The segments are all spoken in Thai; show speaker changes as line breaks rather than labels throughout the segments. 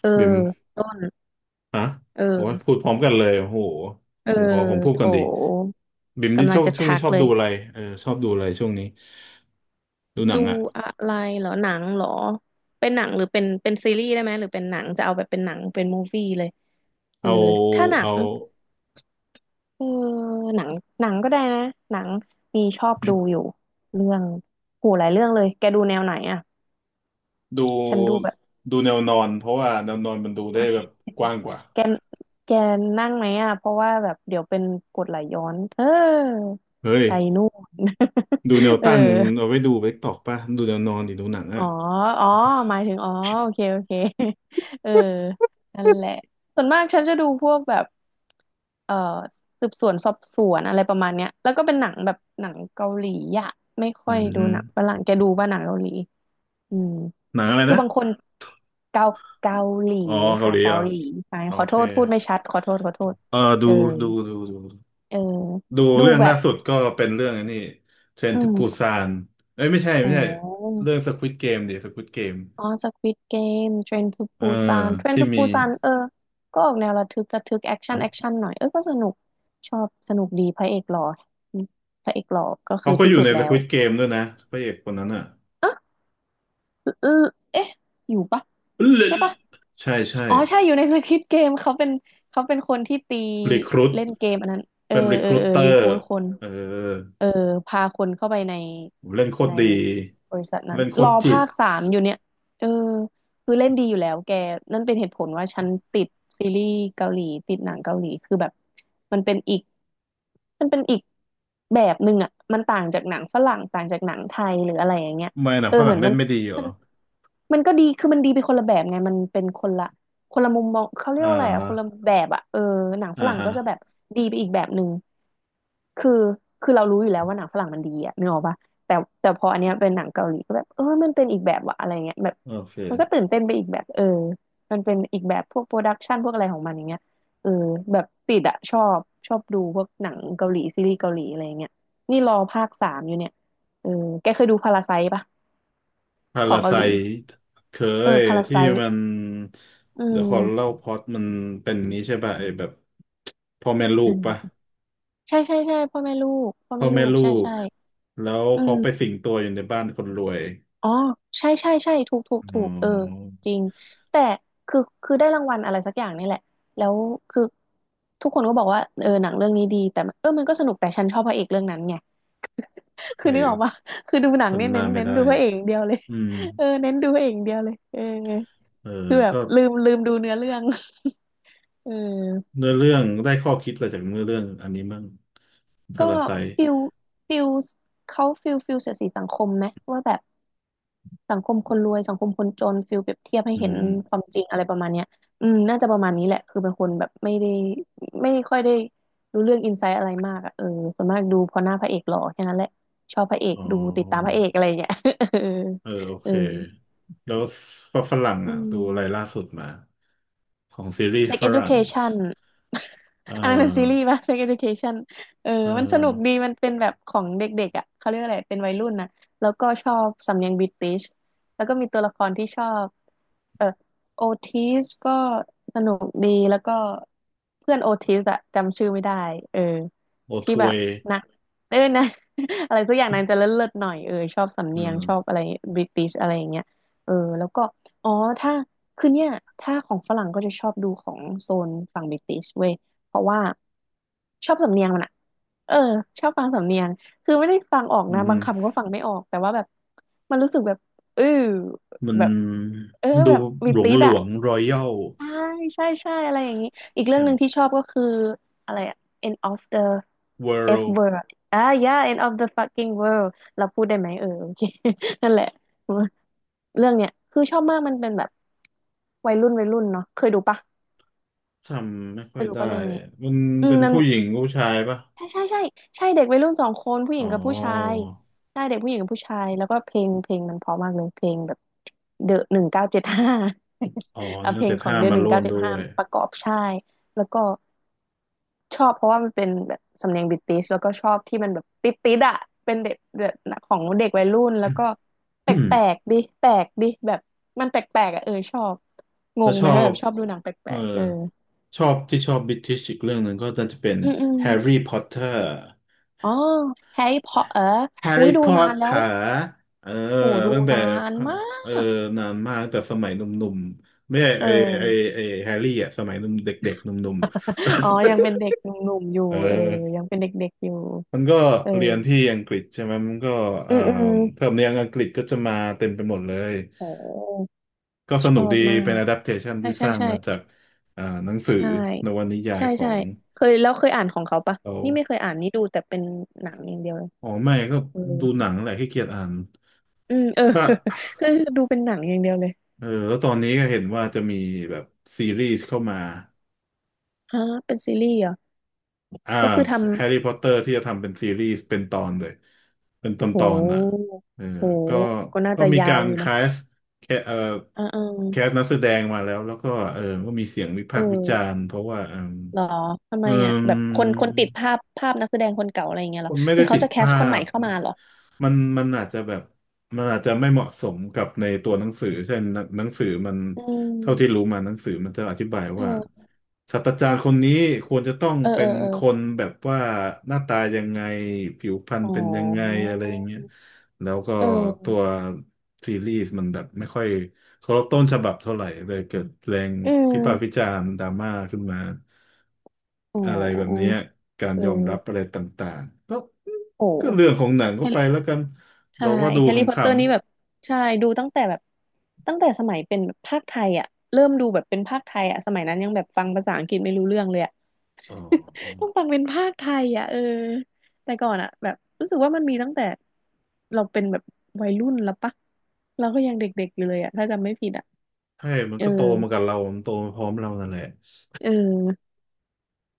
เออ
บิม
ต้น
ฮะโอ้ย
เออ
พูดพร้อมกันเลยโอ้โห
เออ
ผมขอผมพูด
โถ
ก่อนดีบิมนี่
กำลั
ช
ง
อบ
จะ
ช่วงนี้
ทัก
ชอบ
เล
ดู
ย
อะไรเออชอบดูอะไรช่วงนี้ ดูหนั
ดู
งอ่ะ
อะไรเหรอหนังเหรอเป็นหนังหรือเป็นซีรีส์ได้ไหมหรือเป็นหนังจะเอาแบบเป็นหนังเป็นมูฟวี่เลยเออ
เอา
ถ้าหนั
เอา
งเออหนังหนังก็ได้นะหนังมีชอบดูอยู่เรื่องโหหลายเรื่องเลยแกดูแนวไหนอ่ะ
ดู
ฉันดูแบบ
ดูแนวนอนเพราะว่าแนวนอนมันดูได้แบ บกว้างกว่า
แกแกนั่งไหมอ่ะเพราะว่าแบบเดี๋ยวเป็นกรดไหลย้อนเออ
เฮ้ย
ไปนู่น
ดูแนว
เออ
ตั้งเอาไว้ดูไปตอกป่ะดูแนวนอนดิดูหนัง
อ๋
อ่ะ
อ อ๋อหมายถึง อ๋อ โอเค โอเค เออนั่นแหละส่วนมากฉันจะดูพวกแบบเอ่อสืบสวนสอบสวนอะไรประมาณเนี้ยแล้วก็เป็นหนังแบบหนังเกาหลีอะไม่ค่
อื
อยดูหนังฝ
ม
รั่งแกดูป่ะหนังเกาหลี อืม
หนังอะไร
คือ
นะ
บางคนเกาเกาหลี
อ๋อเกา
ค่ะ
หลี
เกา
เหรอ
หลีไป
โอ
ขอโท
เค
ษพูดไม่ชัดขอโทษขอโทษ
เออ
เออ
ดูดูดู
เออ
ดู
ดู
เรื่อง
แบ
ล่า
บ
สุดก็เป็นเรื่องอันนี้เทรน
อื
ทูปู
ม
ซานเอ้ยไม่ใช่
อ๋
ไม่ใช่
อ
เรื่องสควิดเกมดิสควิดเกม
อ๋อสควิดเกมเทรนทู
เออ
ปูซานเทรน
ที่
ทู
มี
ปูซานเออก็ออกแนวระทึกระทึกแอคชั่นแอคชั่นหน่อยเออก็สนุกชอบสนุกดีพระเอกหล่ออืมพระเอกหล่อก็คื
เขา
อ
ก็
ที่
อยู่
สุด
ในส
แล้
ค
ว
วิดเกมด้วยนะพระเอกคนนั้นอ่ะ
เออเอ๊ะอยู่ปะใช่ปะ
ใช่ใช่
อ๋อใช่อยู่ในสควิดเกมเขาเป็นเขาเป็นคนที่ตี
รีครูท
เล่นเกมอันนั้นเออ
เป็นรี
เอ
ค
อ
รู
เออ
เตอ
รี
ร์
คูดคน
เออ
เออพาคนเข้าไปใน
เล่นโคต
ใน
รดี
บริษัทนั้น
เล่นโค
ร
ต
อ
รจิ
ภา
ต
คสามอยู่เนี่ยเออคือเล่นดีอยู่แล้วแกนั่นเป็นเหตุผลว่าฉันติดซีรีส์เกาหลีติดหนังเกาหลีคือแบบมันเป็นอีกมันเป็นอีกแบบหนึ่งอ่ะมันต่างจากหนังฝรั่งต่างจากหนังไทยหรืออะไรอย่างเงี้ย
ไม่หนัง
เออ
ฝ
เห
รั่
มื
ง
อน
เล่
มั
น
น
ไม่ดีเหรอ
มันก็ดีคือมันดีไปคนละแบบไงมันเป็นคนละคนละมุมมองเขาเรีย
อ่า
กว่าอะไรอะคนละ
ฮะ
แบบอะเออหนังฝ
อ่า
รั่ง
ฮะ
ก็จะแบบดีไปอีกแบบหนึ่งคือคือเรารู้อยู่แล้วว่าหนังฝรั่งมันดีอะนึกออกปะแต่แต่พออันเนี้ยเป็นหนังเกาหลีก็แบบเออมันเป็นอีกแบบวะอะไรเงี้ยแบบ
โอเค
มันก็ตื่นเต้นไปอีกแบบเออมันเป็นอีกแบบพวกโปรดักชันพวกอะไรของมันอย่างเงี้ยเออแบบติดอะชอบชอบดูพวกหนังเกาหลีซีรีส์เกาหลีอะไรเงี้ยนี่รอภาคสามอยู่เนี่ยเออแกเคยดูพาราไซต์ปะ
พา
ขอ
รา
ง
ไซ
เกาหลี
เค
เออ
ย
พาราไซ
ที่มัน
อื
เดี๋ยวขอลเล่า
ม
พอตมันเป็นนี้ใช่ป่ะไอ้แบบพ่อแม่ลูก
อื
ป่ะ
มใช่ใช่ใช่พ่อแม่ลูกพ่อ
พ่อ
แม่ลู
แม่
ก
ลู
ใช่
ก
ใช่
แล้ว
อื
เขาไปสิ
ม
งตัวอยู่ในบ้านคนรวย
อ๋อใช่ใช่ใช่ถูกถูก
อ๋
ถูกเออ
อ
จริงแต่คือคือได้รางวัลอะไรสักอย่างนี่แหละแล้วคือทุกคนก็บอกว่าเออหนังเรื่องนี้ดีแต่มันเออมันก็สนุกแต่ฉันชอบพระเอกเรื่องนั้นไง
ใค
คือนึกออกปะ
ร
คือดูหนังเนี่
จำ
ย
หน้า
เน้น
ไม่
เน้น
ได้
ดูพระเอกอย่างเดียวเลย
อืม
เออเน้นดูพระเอกอย่างเดียวเลยเออ
เออ
คือแบบ
ก็
ลืมลืมดูเนื้อเรื่อง เออ
เนื้อเรื่องได้ข้อคิดอะไรจากเนื้อเรื่องอันนี้มั่งพา
ก็
ราไซ
ฟิลฟิลเขาฟิลฟิลเสียดสีสังคมไหมว่าแบบ สังคมคนรวยสังคมคนจนฟิลเปรียบเทียบให้
อื
เห็น
ม
ความจริงอะไรประมาณเนี้ยอืมน่าจะประมาณนี้แหละคือเป็นคนแบบไม่ได้ไม่ค่อยได้รู้เรื่องอินไซต์อะไรมากอ่ะเออส่วนมากดูเพอหน้าพระเอกหล่อแค่นั้นแหละชอบพระเอก
อ๋อ
ดูติดตามพระเอกอะไรอย่างเงี้ย เออ
เออโอ
เอ
เค
อ
แล้วฝรั่ง
อื
อ่ะดู
ม
อะไรล่าสุดมาของซีรีส์
Sex
ฝรั่ง
Education
เอ
อันนั้นเป็นซีรีส์
อ
ป่ะ Sex Education เออ
เออ
มันสนุกดี มันเป็นแบบของเด็กๆอ่ะ เขาเรียกอะไร เป็นวัยรุ่นนะแล้วก็ชอบสำเนียงบริติชแล้วก็มีตัวละครที่ชอบเออโอทิสก็สนุกดีแล้วก็เพื่อนโอทิสอะจำชื่อไม่ได้เออ
โอท
ที่แบ
ว
บ
ย
นะเออนะ อะไรสักอย่างนางจะเลิศๆหน่อยเออชอบสำ
เอ
เนียงชอบ
อ
อะไรบริติชอะไรอย่างเงี้ยเออ แล้วก็อ๋อถ้า คือเนี่ยถ้าของฝรั่งก็จะชอบดูของโซนฝั่งบริติชเว้ย เพราะว่าชอบสำเนียงมันอะเออชอบฟังสำเนียง คือไม่ได้ฟังออก
อืม
นะ
ฮึ
บางคำก็ฟังไม่ออกแต่ว่าแบบมันรู้สึกแบบเออ
มัน
แบบเออ
ดู
แบบมี
หลวง
ติด
หล
อะ
วงรอยัล
ใช่ใช่ใช่อะไรอย่างนี้อีกเรื่
ใช่
องห
ไหม
นึ่งที่ชอบก็คืออะไรอะ end of the
เวิ
F
ลด์
word อ่า yeah end of the fucking world เราพูดได้ไหมเออโอเค นั่นแหละเรื่องเนี้ยคือชอบมากมันเป็นแบบวัยรุ่นวัยรุ่นเนาะเคยดูปะ
จำไม่ค่
เค
อย
ยดู
ได้
ปะเรื่องนี้
มัน
อืม
เป็น
มัน
ผู้หญิงผู้ชายปะ
ใช่ใช่ใช่ใช่เด็กวัยรุ่นสองคนผู้หญิ
อ๋
งกับผู้ชาย
อ
ใช่เด็กผู้หญิงกับผู้ชายแล้วก็เพลงเพลงมันเพราะมากเลยเพลงแบบเดอะ1975
อ๋อ
เอา
นั่น
เพ
ก็
ลง
เจ็ด
ของ
ห้า
เดอะ
มา
หนึ่ง
ร่ว
เก้า
ม
เจ็ด
ด้ว
ห้า
ย
ประกอบใช่แล้วก็ชอบเพราะว่ามันเป็นแบบสำเนียงบริติชแล้วก็ชอบที่มันแบบติดติดอะเป็นเด็กแบบของเด็กวัยรุ่นแล้วก็ แป
อืม
ลกๆดิแปลกดิแบบมันแปลกๆอะเออชอบง
แล้ว
ง
ช
ไหม
อ
แบ
บ
บชอบดูหนังแป
เอ
ล
อ
กๆเออ
ชอบที่ชอบบิ i ิชอีกเรื่องหนึ่งก็น่าจะเป็น
อืมอืม
แฮร์รี่พอตเตอร์
อ๋อแฮร์รี่พอตเตอร์
แฮร์
อุ้ย
รี่
ดู
พอ
นา
ต
น
เต
แล้ว
อร์เออ
โหดู
ตั้งแต่
นานมา
เออ
ก
นานมากตั้งแต่สมัยหนุ่มๆไม่ใช่
เอ
ไอไอ
อ
ไอแฮร์รี่อ่ะสมัยหนุ่มเด็กๆหนุ่ม
อ๋อยัง
ๆ
เป็นเด็กหนุ่มๆอ ยู่
เอ
เออยั
อ
งเป็นเด็กๆอยู่
มันก็
เออ
เรียนที่อังกฤษใช่ไหมมันก็
อื
เอ่อ
มอืม
เทอมเนียงอังกฤษก็จะมาเต็มไปหมดเลย
โห
ก็ส
ช
นุ
อ
กดี
บมา
เป็น
ก
adaptation
ใช่
ที่ส
ใช่
ร้างมาจา
ใช่
กหนังสือ
ใช่
นวนิยาย
ใช่
ขอ
ใช่
ง
เคยอ่านของเขาปะ
เรา
นี่ไม่เคยอ่านนี่ดูแต่เป็นหนังอย่างเดียวเลย
อ๋อไม่ก็
เออ
ดูหนังแหละขี้เกียจอ่าน
อืมเออ
ถ้า
คือดูเป็นหนังอย่างเดียวเลย
เออแล้วตอนนี้ก็เห็นว่าจะมีแบบซีรีส์เข้ามา
ฮะเป็นซีรีส์เหรอ
อ่า
ก็คือทำ
แฮร์รี่พอตเตอร์ที่จะทำเป็นซีรีส์เป็นตอนเลย เป็นตอน
โ
ตอนอ่ะ
ห
เออ
โห
ก็
ก็น่าจะ
มี
ยา
กา
ว
ร
อยู่นะ
สแคเอ่อ
อ่า
แคสนั
ๆ
กแสดงมาแล้วแล้วก็เออก็มีเสียงวิ
เอ
พา
อ
กษ์วิจารณ์เพราะว่าเอม
หรอทำไม
เอ
อ่ะ
ม
แบบคนติดภาพนักแสดงคนเก่าอะไรอย่างเงี้ย
ค
เหรอ
นไม่
คื
ได้
อเขา
ติด
จะแค
ภ
สค
า
นใหม่
พ
เข้ามาเหรอ
มันอาจจะแบบมันอาจจะไม่เหมาะสมกับในตัวหนังสือเช่นหนังสือมัน
อื
เท่าที่รู้
ม
มาหนังสือมันจะอธิบายว่า
เออ
ศาสตราจารย์คนนี้ควรจะต้อง
เออ
เป็
เออ
น
เออ
คนแบบว่าหน้าตายังไงผิวพรรณ
อ๋อ
เป็นยังไงอะไรอย่างเงี้ยแล้วก็
เอ
ตัว
อ
ซีรีส์มันแบบไม่ค่อยเคารพต้นฉบับเท่าไหร่เลยเกิดแรง
อื
พิพากษ์วิ
ม
จารณ์ดราม่าขึ้นมา
อ๋อ
อะไรแบบเนี้ยการ
เ
ยอมรับ
ออ
อะไรต่างๆก็
โอ้
ก็เรื่องของหนังก็
แฮ
ไปแล้
ร์
วกัน
ใช่
เราก็ดู
แฮร์
ข
รี่พอต
ำ
เตอร์นี่แบบใช่ดูตั้งแต่แบบตั้งแต่สมัยเป็นแบบภาคไทยอ่ะเริ่มดูแบบเป็นภาคไทยอ่ะสมัยนั้นยังแบบฟังภาษาอังกฤษไม่รู้เรื่องเลยอะ
ๆอ๋อ
ต้องฟังเป็นภาคไทยอ่ะเออแต่ก่อนอ่ะแบบรู้สึกว่ามันมีตั้งแต่เราเป็นแบบวัยรุ่นแล้วปะเราก็ยังเด็กๆอยู่เลยอ่ะถ้าจำไม่ผิดอ่ะ
ใช่มัน
เออ
ก็โตมากับเรา มันโตมาพร้อมเรานั่นแหละ
เออ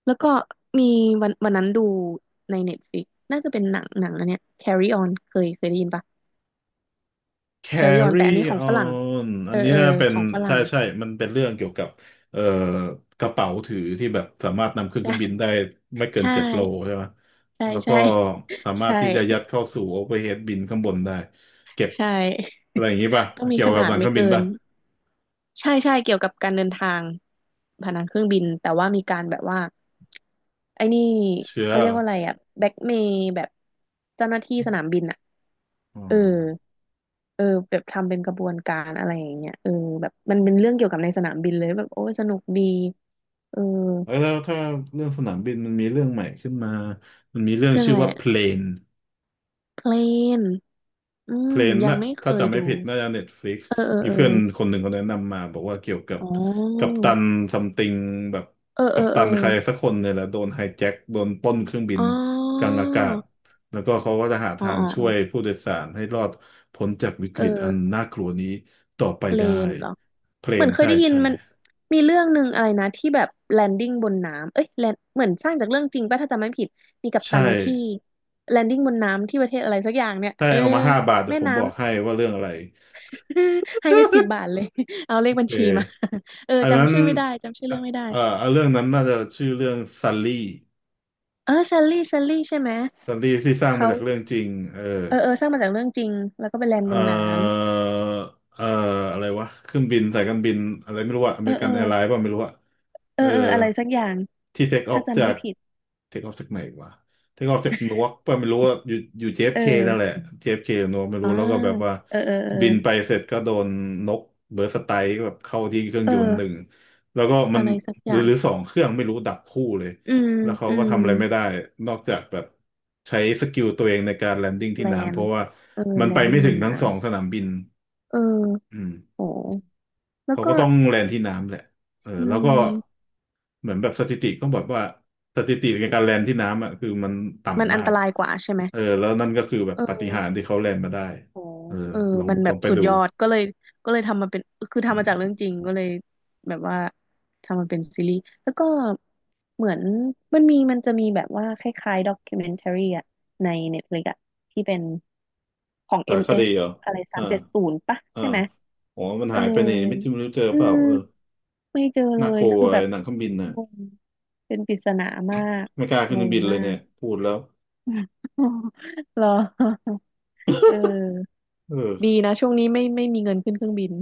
แล้วก็มีวันนั้นดูในเน็ตฟ i ิกน่าจะเป็นหนังอันเนี้ย Carry On เคยได้ยินปะ Carry On
Carry
แต่อันนี้ของฝรั่ง
on
เอ
อัน
อ
นี้
เออ
น่าเป็
ข
น
องฝ
ใช่
รั่ง
ใช่มันเป็นเรื่องเกี่ยวกับเอ่อกระเป๋าถือที่แบบสามารถนำขึ้นเครื่องบินได้ไม่ เกิ
ใช
น7 โล
่
ใช่ไหม
ใช่
แล้วก็
ใช่
สามาร
ใช่
ถที่จะยัดเข้าสู่ overhead bin ข้างบนได้เก็บ
ใช่
อะ
ใช่
ไรอย่างนี้ป่ะ
ต้องมี
เกี่ย
ข
วกับ
นา
ห
ด
ลังเค
ไม่
รื่องบิน
เกิน
ป่ะ
ใช่ใช่เกี่ยวกับการเดินทางผ่านทางเครื่องบินแต่ว่ามีการแบบว่าไอ้นี่
เชื้อ
เขาเรีย
เห
ก
รอ
ว่าอะไรอะแบ็กเมย์แบบเจ้าหน้าที่สนามบินอะ
อ๋อ
เออเออแบบทำเป็นกระบวนการอะไรอย่างเงี้ยเออแบบมันเป็นเรื่องเกี่ยวกับในสนามบินเลยแบบโอ้ยสนุกดีเออ
แล้วถ้าเรื่องสนามบินมันมีเรื่องใหม่ขึ้นมามันมีเรื่อง
เรื่อง
ชื่
อะ
อ
ไร
ว่า
อะ
plane
เพลนอื
เพ
ม
ลน
ยัง
น่ะ
ไม่เค
ถ้า
ย
จำไม่
ดู
ผิดน่าจะเน็ตฟลิกซ์
เออเออ
มี
เออ
เพื่อนคนหนึ่งเขาแนะนำมาบอกว่าเกี่ยวกับ
อ๋อ
กัปตันซัมติงแบบ
เออ
กั
เออ
ปตั
เออ
นใครสักคนเนี่ยแหละโดนไฮแจ็คโดนปล้นเครื่องบิน
อ๋
กลา
อ
งอากาศแล้วก็เขาก็จะหา
อ๋อ
ทาง
อ๋อ
ช่
อ๋
วย
อ
ผู้โดยสารให้รอดพ้นจากวิก
เอ
ฤ
อ
ตอันน่ากลัวนี้ต่อไป
เพล
ได้
นเหรอ
เพล
เหมือ
น
นเคย
ใช่
ได้ยิน
ใช่
มันมีเรื่องหนึ่งอะไรนะที่แบบแลนดิ้งบนน้ำเอ้ยแลนเหมือนสร้างจากเรื่องจริงป่ะถ้าจำไม่ผิดมีกัป
ใช่
ตันที่แลนดิ้งบนน้ำที่ประเทศอะไรสักอย่างเนี่ย
ใช่
เออ
เอามา5 บาทแต่
แม่
ผมบ
น้ำ
อกให้ว่าเรื่องอะไร
ให้ไปสิบ บาทเลยเอาเล
โอ
ขบัญ
เค
ชีมา เออ
อันนั้
จำ
น
ชื่อไม่ได้จำชื่อ
เอ่ะ
เรื่องไม่ได้
เอ่อเรื่องนั้นน่าจะชื่อเรื่องซัลลี่
เออซัลลี่ซัลลี่ใช่ไหม
ซีรีส์ที่สร้างมา
เขา
จากเรื่องจริงเออ
เออเออสร้างมาจากเรื่องจริงแล้วก็ไปแลน
เอ
บนน้
อเอออะไรวะเครื่องบินสายการบินอะไรไม่รู้อะอ
ำเอ
เม
อ
ริกั
เอ
น
อ
แอร์ไลน์ป่ะไม่รู้อะ
เอ
เอ
อ
อ
เอออะไรสักอย่าง
ที่เทคออ
ถ้า
ฟ
จำ
จา
ไม่
ก
ผิด
เทคออฟจากไหนวะเทคออฟจากนวกป่ะไม่รู้ว่าอยู่
เอ
JFK นั่นแหละ
อ
JFK หรือนวกไม่
อ่า
รู้แล้วก็แบบว่า
เออเออเออ
บินไปเสร็จก็โดนนกเบิร์สไตร์แบบเข้าที่เครื่อง
เอ
ยน
อ
ต์หนึ่งแล้วก็มั
อะ
น
ไรสัก
ห
อ
รือ
ย่าง
หรือสองเครื่องไม่รู้ดับคู่เลย
อืม
แล้วเขา
อื
ก็
ม
ทำอะไรไม่ได้นอกจากแบบใช้สกิลตัวเองในการแลนดิ้งที่
แล
น้ำเพ
น
ราะว่า
เออ
มัน
แล
ไป
นดิ้
ไม่
งบ
ถึ
น
งทั้
น้
งสองสนามบิน
ำ เออ
อืม
โหแล้ว
เขา
ก็
ก็ต้องแลนที่น้ำแหละเออ
อื
แล้วก็
ม
เหมือนแบบสถิติก็บอกว่าสถิติในการแลนที่น้ำอ่ะคือมัน
มัน
ต่ำ
อั
มา
นต
ก
รายกว่าใช่ไหม
เออแล้วนั่นก็คือแบบ
เออ
ปาฏิหาริย์ที่เขาแลนมาได้
โห
เออ
เออ
ลอง
มันแบ
ลอ
บ
งไป
สุด
ดู
ยอด ก็เลย ก็เลยทำมาเป็น คือทำมาจากเรื่องจริงก็เลย แบบว่า ทำมาเป็นซีรีส์แล้วก็ เหมือนมันมีมันจะมีแบบว่าคล้ายๆด็อก m ิ n เมนทรีอะ ใน Netflix อะ ที่เป็น ของ
สารคดี
MH อม
เหรอ
เอชอะไรสา
อ่า
มเจ็ดศูนย์ปะ
อ่า
ใช่ไหม
อ๋อมัน
เออ
หายไปนี่ไม่จริงไม่รู้เจอ
อื
เปล่า
ม
เออ
ไม่เจอเล
น่า
ย
กลัว
คือแบ
ไอ้
บ
หนังเครื่องบินน่ะ
งง เป็นปริศนามาก
ไม่กล้าขึ้
ง
นเครื่อง
ง
บินเล
มา
ยเนี่
ก
ยพูดแล้ว
เหรอเออ
เอ
ดี
อ
นะช่วงนี้ไม่ไม่มีเงินขึ้นเครื่องบิน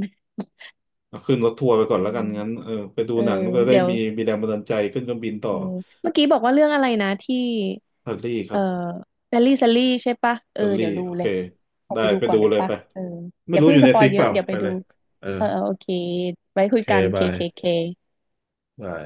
เอาขึ้นรถทัวร์ไปก่อน
เอ
แล้วกันงั้น
อ
เออไปดู
เออ
หนังก็จะได้
เดี๋ยว
มีแรงบันดาลใจขึ้นเครื่องบินต่อ
เออเมื่อกี้บอกว่าเรื่องอะไรนะที่
อิตาลีค
เอ
รั
อ
บ
แซลลี่แซลลี่ใช่ปะ
อิ
เออ
ตาลี
เดี๋ยวดู
โอ
เล
เค
ยขอ
ได้
ไปดู
ไป
ก่อน
ดู
เดี๋ยว
เลย
ปะ
ไป
เอออ
ไม่
ย่า
รู้
เพิ่
อ
ง
ยู่
ส
ใน
ปอ
ฟิ
ย
ก
เย
เป
อะ
ล่า
เดี๋ยวไป
ไป
ดู
เลยเออ
เออเออโอเคไว้
โอ
คุย
เค
กันเค
บา
เค
ย
เค
บาย